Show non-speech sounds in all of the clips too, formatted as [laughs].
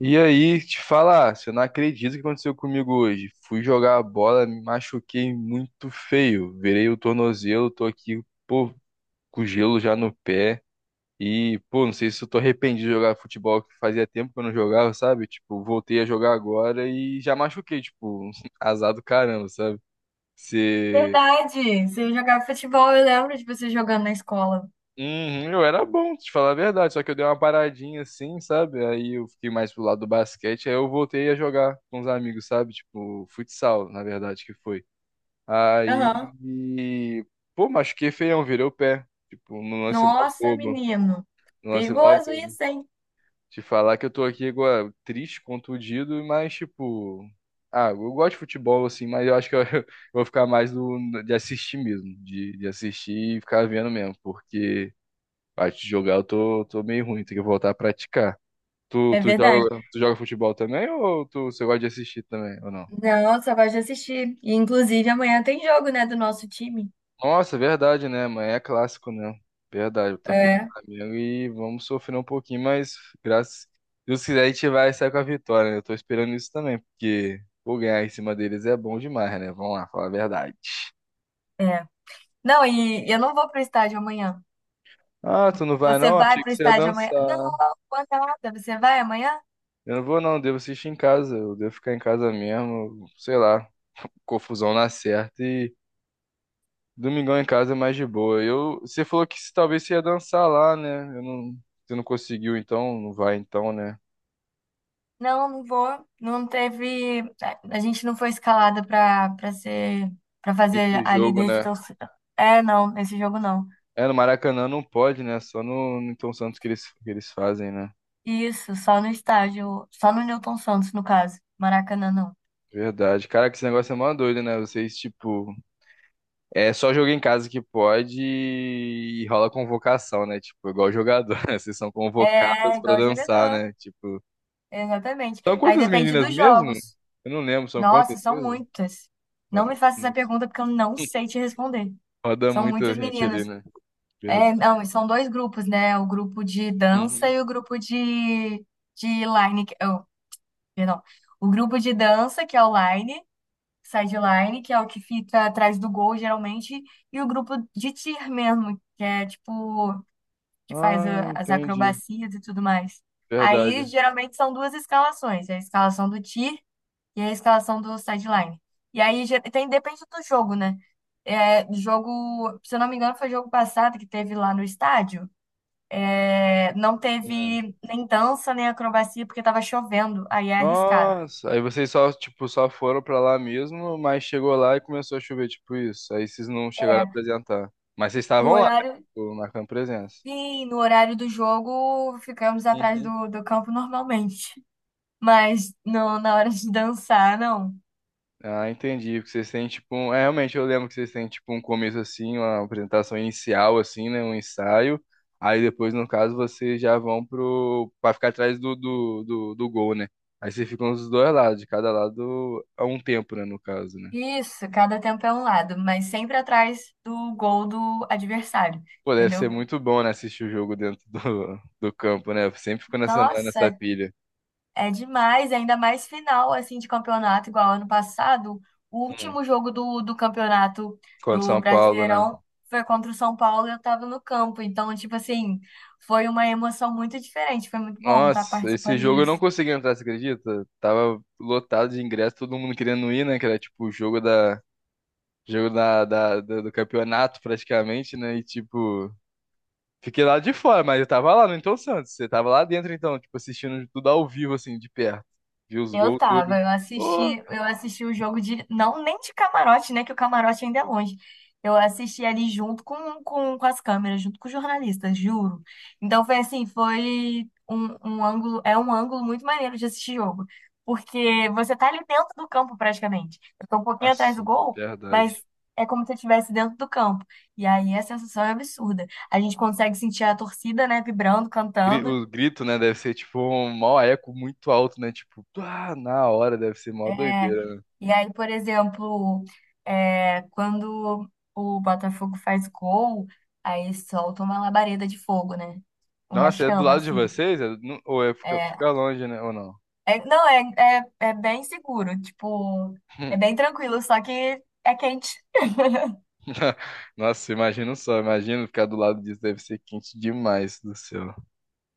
E aí, te falar, você não acredita o que aconteceu comigo hoje. Fui jogar a bola, me machuquei muito feio. Virei o tornozelo, tô aqui, pô, com gelo já no pé. E, pô, não sei se eu tô arrependido de jogar futebol, que fazia tempo que eu não jogava, sabe? Tipo, voltei a jogar agora e já machuquei, tipo, [laughs] azar do caramba, sabe? Verdade, você jogava futebol, eu lembro de você jogando na escola. Uhum, eu era bom, te falar a verdade, só que eu dei uma paradinha assim, sabe? Aí eu fiquei mais pro lado do basquete, aí eu voltei a jogar com os amigos, sabe? Tipo, futsal, na verdade, que foi. Aham. Aí, pô, machuquei feião, virei o pé. Tipo, no lance mó Nossa, bobo, menino. no lance mó Perigoso bobo. isso, hein? Te falar que eu tô aqui agora triste, contundido, mas tipo... Ah, eu gosto de futebol, assim, mas eu acho que eu, [laughs] eu vou ficar mais de assistir mesmo, de assistir e ficar vendo mesmo, porque... Parte de jogar eu tô meio ruim, tem que voltar a praticar. Tu, É tu verdade. joga, tu joga futebol também ou você gosta de assistir também, ou não? Não, só gosto de assistir. E, inclusive, amanhã tem jogo, né, do nosso time. Nossa, é verdade, né? Amanhã é clássico, né? Verdade, Botafogo e É, Flamengo e vamos sofrer um pouquinho, mas graças se Deus quiser a gente vai sair com a vitória, né? Eu tô esperando isso também, porque pô, ganhar em cima deles é bom demais, né? Vamos lá, falar a verdade. é. Não, e eu não vou pro estádio amanhã. Ah, tu não vai Você não? vai Achei pro que você ia estádio amanhã? Não, dançar. não vou nada. Você vai amanhã? Eu não vou não, devo assistir em casa, eu devo ficar em casa mesmo, sei lá, confusão na certa e Domingão em casa é mais de boa. Eu, você falou que talvez você ia dançar lá, né? Eu não, você não conseguiu, então não vai, então, né? Não, não vou. Não teve. A gente não foi escalada pra ser. Pra fazer Esse a jogo, líder de né? torcida. É, não, esse jogo não. É, no Maracanã não pode, né? Só no Newton Santos que eles fazem, né? Isso, só no estádio, só no Newton Santos, no caso. Maracanã, não. Verdade. Cara, que esse negócio é mó doido, né? Vocês, tipo, é só jogo em casa que pode e rola convocação, né? Tipo, igual jogador, [laughs] né? Vocês são É, convocadas pra igual dançar, jogador. né? Tipo, Exatamente. são Aí quantas depende meninas dos mesmo? jogos. Eu não lembro, são quantas Nossa, são mesmo? muitas. Não me Mano, faça essa pergunta porque eu não sei [laughs] te responder. Roda São muita muitas gente ali, meninas. né? Verdade. É, não, e são dois grupos, né? O grupo de dança Uhum. e o grupo de line. Oh, perdão. O grupo de dança, que é o line, sideline, que é o que fica atrás do gol, geralmente, e o grupo de tir mesmo, que é tipo. Que faz Ah, a- as entendi. acrobacias e tudo mais. Aí, Verdade. geralmente, são duas escalações, a escalação do tier e a escalação do sideline. E aí, tem, depende do jogo, né? É, jogo, se eu não me engano, foi jogo passado que teve lá no estádio. É, não Hum. teve nem dança, nem acrobacia, porque tava chovendo, aí é arriscado. Nossa, aí vocês só, tipo, só foram pra lá mesmo, mas chegou lá e começou a chover, tipo isso. Aí vocês não chegaram a É, apresentar. Mas vocês no estavam lá, né? horário, Tipo, marcando presença. sim, no horário do jogo, ficamos atrás Uhum. do, do campo normalmente. Mas não, na hora de dançar, não. Ah, entendi. Porque vocês têm tipo um... É, realmente eu lembro que vocês têm tipo um começo assim, uma apresentação inicial assim, né, um ensaio. Aí depois, no caso, vocês já vão pro para ficar atrás do gol, né? Aí vocês ficam dos dois lados, de cada lado a um tempo, né, no caso, né? Isso, cada tempo é um lado, mas sempre atrás do gol do adversário, Pô, deve ser entendeu? muito bom, né, assistir o jogo dentro do campo, né? Eu sempre fico nessa Nossa, pilha. é demais, ainda mais final assim de campeonato, igual ano passado, o Hum. último jogo do, do campeonato Contra o do São Paulo, né? Brasileirão foi contra o São Paulo e eu tava no campo, então, tipo assim, foi uma emoção muito diferente, foi muito bom estar Nossa, esse participando jogo eu não disso. consegui entrar, você acredita? Tava lotado de ingresso, todo mundo querendo ir, né? Que era tipo o jogo da do campeonato praticamente, né? E tipo, fiquei lá de fora, mas eu tava lá no Então Santos. Você tava lá dentro então, tipo, assistindo tudo ao vivo, assim, de perto. Vi os Eu gols, tava, tudo. Ô, eu assisti o jogo de, não nem de camarote, né, que o camarote ainda é longe. Eu assisti ali junto com as câmeras, junto com os jornalistas, juro. Então foi assim, foi um, um ângulo, é um ângulo muito maneiro de assistir jogo, porque você tá ali dentro do campo praticamente. Eu tô um pouquinho atrás do nossa, gol, verdade. mas é como se eu estivesse dentro do campo. E aí a sensação é absurda. A gente consegue sentir a torcida, né, vibrando, Gri- cantando. O grito, né, deve ser tipo um maior eco muito alto, né? Tipo, ah, na hora deve ser mó É, doideira. e aí, por exemplo, é, quando o Botafogo faz gol, aí solta uma labareda de fogo, né? Uma Nossa, é do chama, lado de assim. vocês? É no- ou é ficar É, fica longe, né? Ou não? é- não, é, é, é bem seguro, tipo, é bem [laughs] tranquilo, só que é quente. Nossa, imagina só, imagina ficar do lado disso, deve ser quente demais do céu.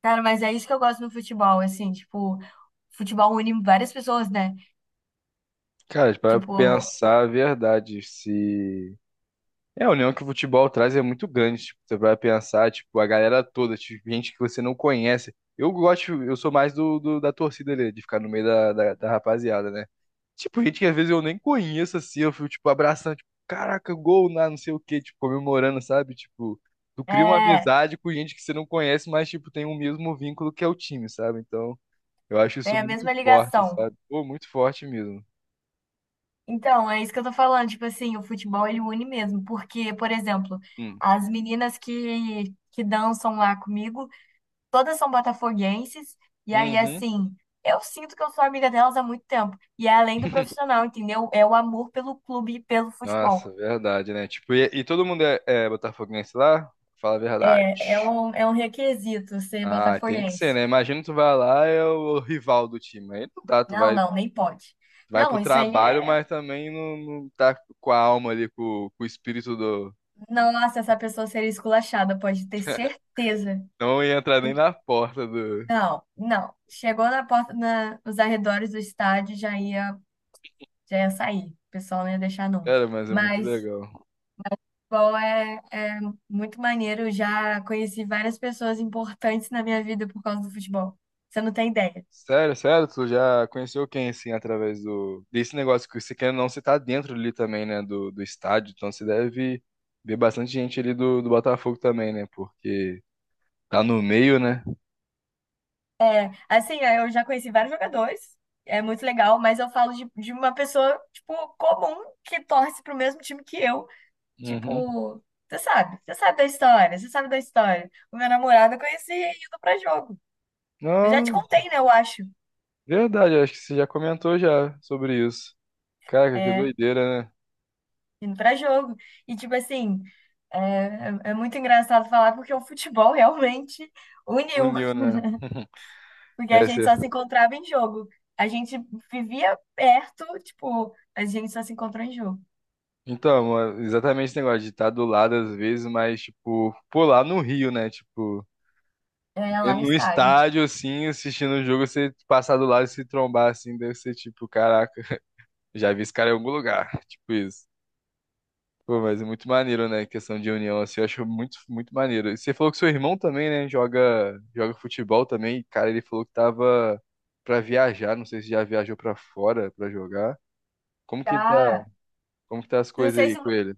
Cara, mas é isso que eu gosto no futebol, assim, tipo, futebol une várias pessoas, né? Cara, para Tipo, pensar a verdade, se é a união que o futebol traz é muito grande, tipo, você vai pensar, tipo, a galera toda, tipo, gente que você não conhece. Eu gosto, eu sou mais da torcida ali, de ficar no meio da rapaziada, né? Tipo, gente que às vezes eu nem conheço assim, eu fico tipo abraçando, tipo, caraca, gol na não sei o quê, tipo, comemorando, sabe? Tipo, tu cria uma é, amizade com gente que você não conhece, mas tipo, tem o mesmo vínculo que é o time, sabe? Então, eu acho tem isso a muito mesma forte, ligação. sabe? Pô, muito forte mesmo. Então, é isso que eu tô falando, tipo assim, o futebol ele une mesmo, porque, por exemplo, Hum. as meninas que dançam lá comigo, todas são botafoguenses, e aí Uhum. assim, eu sinto que eu sou amiga delas há muito tempo, e é além do [laughs] profissional, entendeu? É o amor pelo clube e pelo futebol. Nossa, verdade, né? Tipo, e todo mundo é botafoguense lá? Fala a É, verdade. É um requisito ser Ah, tem que ser, botafoguense. né? Imagina tu vai lá, é o rival do time. Aí não dá, tu Não, vai, não, nem pode. vai pro Não, isso aí trabalho, é. mas também não, não tá com a alma ali, com o espírito do. Nossa, essa pessoa seria esculachada, pode ter [laughs] certeza. Não ia entrar nem na porta do. Não, não. Chegou na porta, na, nos arredores do estádio, já ia sair. O pessoal não ia deixar, não. Cara, mas é muito Mas, legal. bom, é muito maneiro. Eu já conheci várias pessoas importantes na minha vida por causa do futebol. Você não tem ideia. Sério, sério, tu já conheceu quem, assim, através do... desse negócio que você quer ou não, você tá dentro ali também, né, do estádio, então você deve ver bastante gente ali do Botafogo também, né, porque tá no meio, né? Assim, é, eu já conheci vários jogadores. É muito legal, mas eu falo de uma pessoa, tipo, comum, que torce pro mesmo time que eu. Uhum. Tipo, você sabe da história. O meu namorado eu conheci indo pra jogo. Eu já te Não, contei, né, eu acho. verdade, acho que você já comentou já sobre isso. Caraca, que É, doideira, né? indo pra jogo. E, tipo assim, é, é muito engraçado falar porque o futebol realmente uniu, Uniu, né? porque a gente Essa... só se encontrava em jogo. A gente vivia perto, tipo, a gente só se encontrou em jogo, Então, mano, exatamente esse negócio de estar do lado às vezes, mas, tipo, pô, lá no Rio, né, tipo... é, É, lá no no estádio. estádio, assim, assistindo o jogo, você passar do lado e se trombar, assim, deve ser tipo, caraca, já vi esse cara em algum lugar, [laughs] tipo isso. Pô, mas é muito maneiro, né? Questão de união, assim, eu acho muito, muito maneiro. E você falou que seu irmão também, né, joga, joga futebol também. Cara, ele falou que tava pra viajar, não sei se já viajou pra fora pra jogar. Como que tá, Tá. como que tá as Não coisas sei aí se, com ele?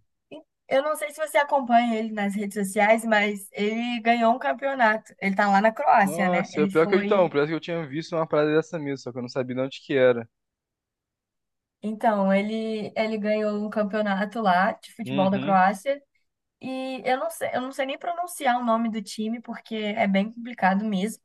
eu não sei se você acompanha ele nas redes sociais, mas ele ganhou um campeonato. Ele tá lá na Croácia, né? Nossa, é Ele pior que eu então, foi. parece que eu tinha visto uma parada dessa mesmo, só que eu não sabia de onde que era. Então, ele ganhou um campeonato lá de futebol da Uhum, Croácia. E eu não sei nem pronunciar o nome do time, porque é bem complicado mesmo.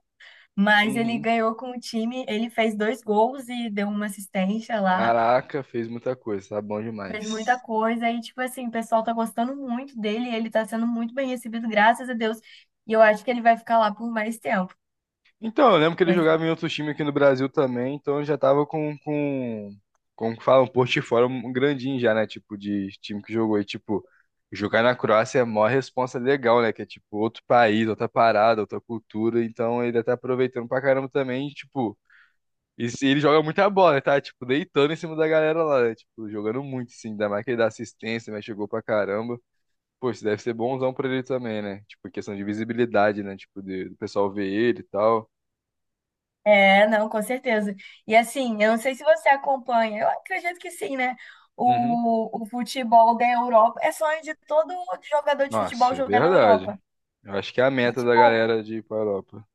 Mas ele uhum. ganhou com o time, ele fez dois gols e deu uma assistência lá, Caraca, fez muita coisa, tá bom fez muita demais. coisa. E, tipo assim, o pessoal tá gostando muito dele, ele tá sendo muito bem recebido, graças a Deus. E eu acho que ele vai ficar lá por mais tempo. Então, eu lembro que ele Mas- jogava em outro time aqui no Brasil também, então ele já tava com, como que fala, um portfólio grandinho já, né? Tipo, de time que jogou. E, tipo, jogar na Croácia é a maior responsa legal, né? Que é, tipo, outro país, outra parada, outra cultura. Então, ele tá aproveitando pra caramba também, e, tipo... E ele joga muita bola, né, tá? Tipo, deitando em cima da galera lá, né? Tipo, jogando muito, assim. Ainda mais que ele dá assistência, mas chegou pra caramba. Pô, isso deve ser bonzão pra ele também, né? Tipo, questão de visibilidade, né? Tipo, do pessoal ver ele e tal. é, não, com certeza. E assim, eu não sei se você acompanha, eu acredito que sim, né? Uhum. O futebol da Europa é sonho de todo jogador de futebol Nossa, é jogar na verdade. Europa. Eu acho que é a E, meta da tipo, galera de ir pra Europa.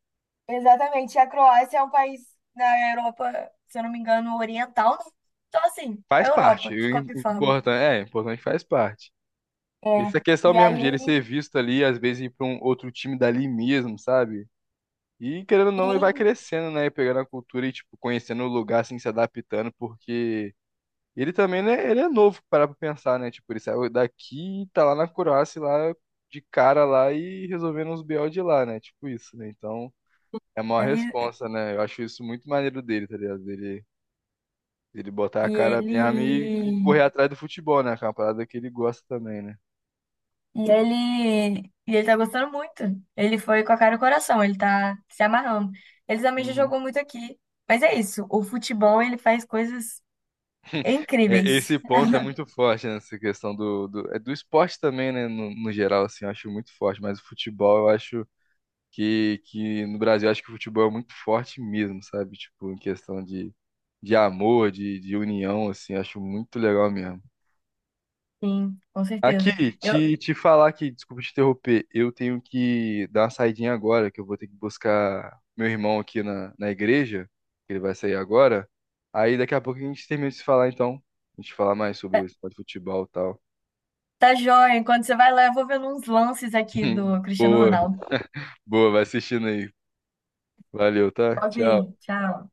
exatamente. E a Croácia é um país na Europa, se eu não me engano, oriental, né? Então, assim, é Faz parte. Europa, de qualquer forma. O importante é que faz parte. É. Essa questão E mesmo aí de ele ser ele, visto ali, às vezes ir pra um outro time dali mesmo, sabe? E querendo ou não, ele vai sim, crescendo, né? Pegando a cultura e, tipo, conhecendo o lugar, assim, se adaptando, porque. E ele também, né, ele é novo, para pensar, né? Tipo, ele saiu daqui, tá lá na Croácia, lá de cara lá e resolvendo uns BO de lá, né? Tipo isso, né? Então, é uma ele, responsa, né? Eu acho isso muito maneiro dele, tá ligado? Ele botar a e cara mesmo e ele, correr atrás do futebol, né? Que é uma parada que ele gosta também, né? e ele, e ele tá gostando muito. Ele foi com a cara e o coração, ele tá se amarrando. Ele também já Uhum. jogou muito aqui. Mas é isso, o futebol, ele faz coisas [laughs] É, incríveis. esse ponto é muito forte nessa questão do esporte também, né? No, no geral, assim, eu acho muito forte, mas o futebol eu acho que no Brasil acho que o futebol é muito forte mesmo, sabe? Tipo, em questão de amor, de união, assim, acho muito legal mesmo. Sim, com Aqui, certeza. Eu, te falar que, desculpa te interromper, eu tenho que dar uma saidinha agora, que eu vou ter que buscar meu irmão aqui na igreja, que ele vai sair agora. Aí daqui a pouco a gente termina de se falar, então. A gente falar mais sobre tá o esporte de futebol e tal. tá joia, enquanto você vai lá, eu vou vendo uns lances aqui do [laughs] Cristiano Boa, Ronaldo. boa, vai assistindo aí. Valeu, tá? Tchau. Sozinho, tchau.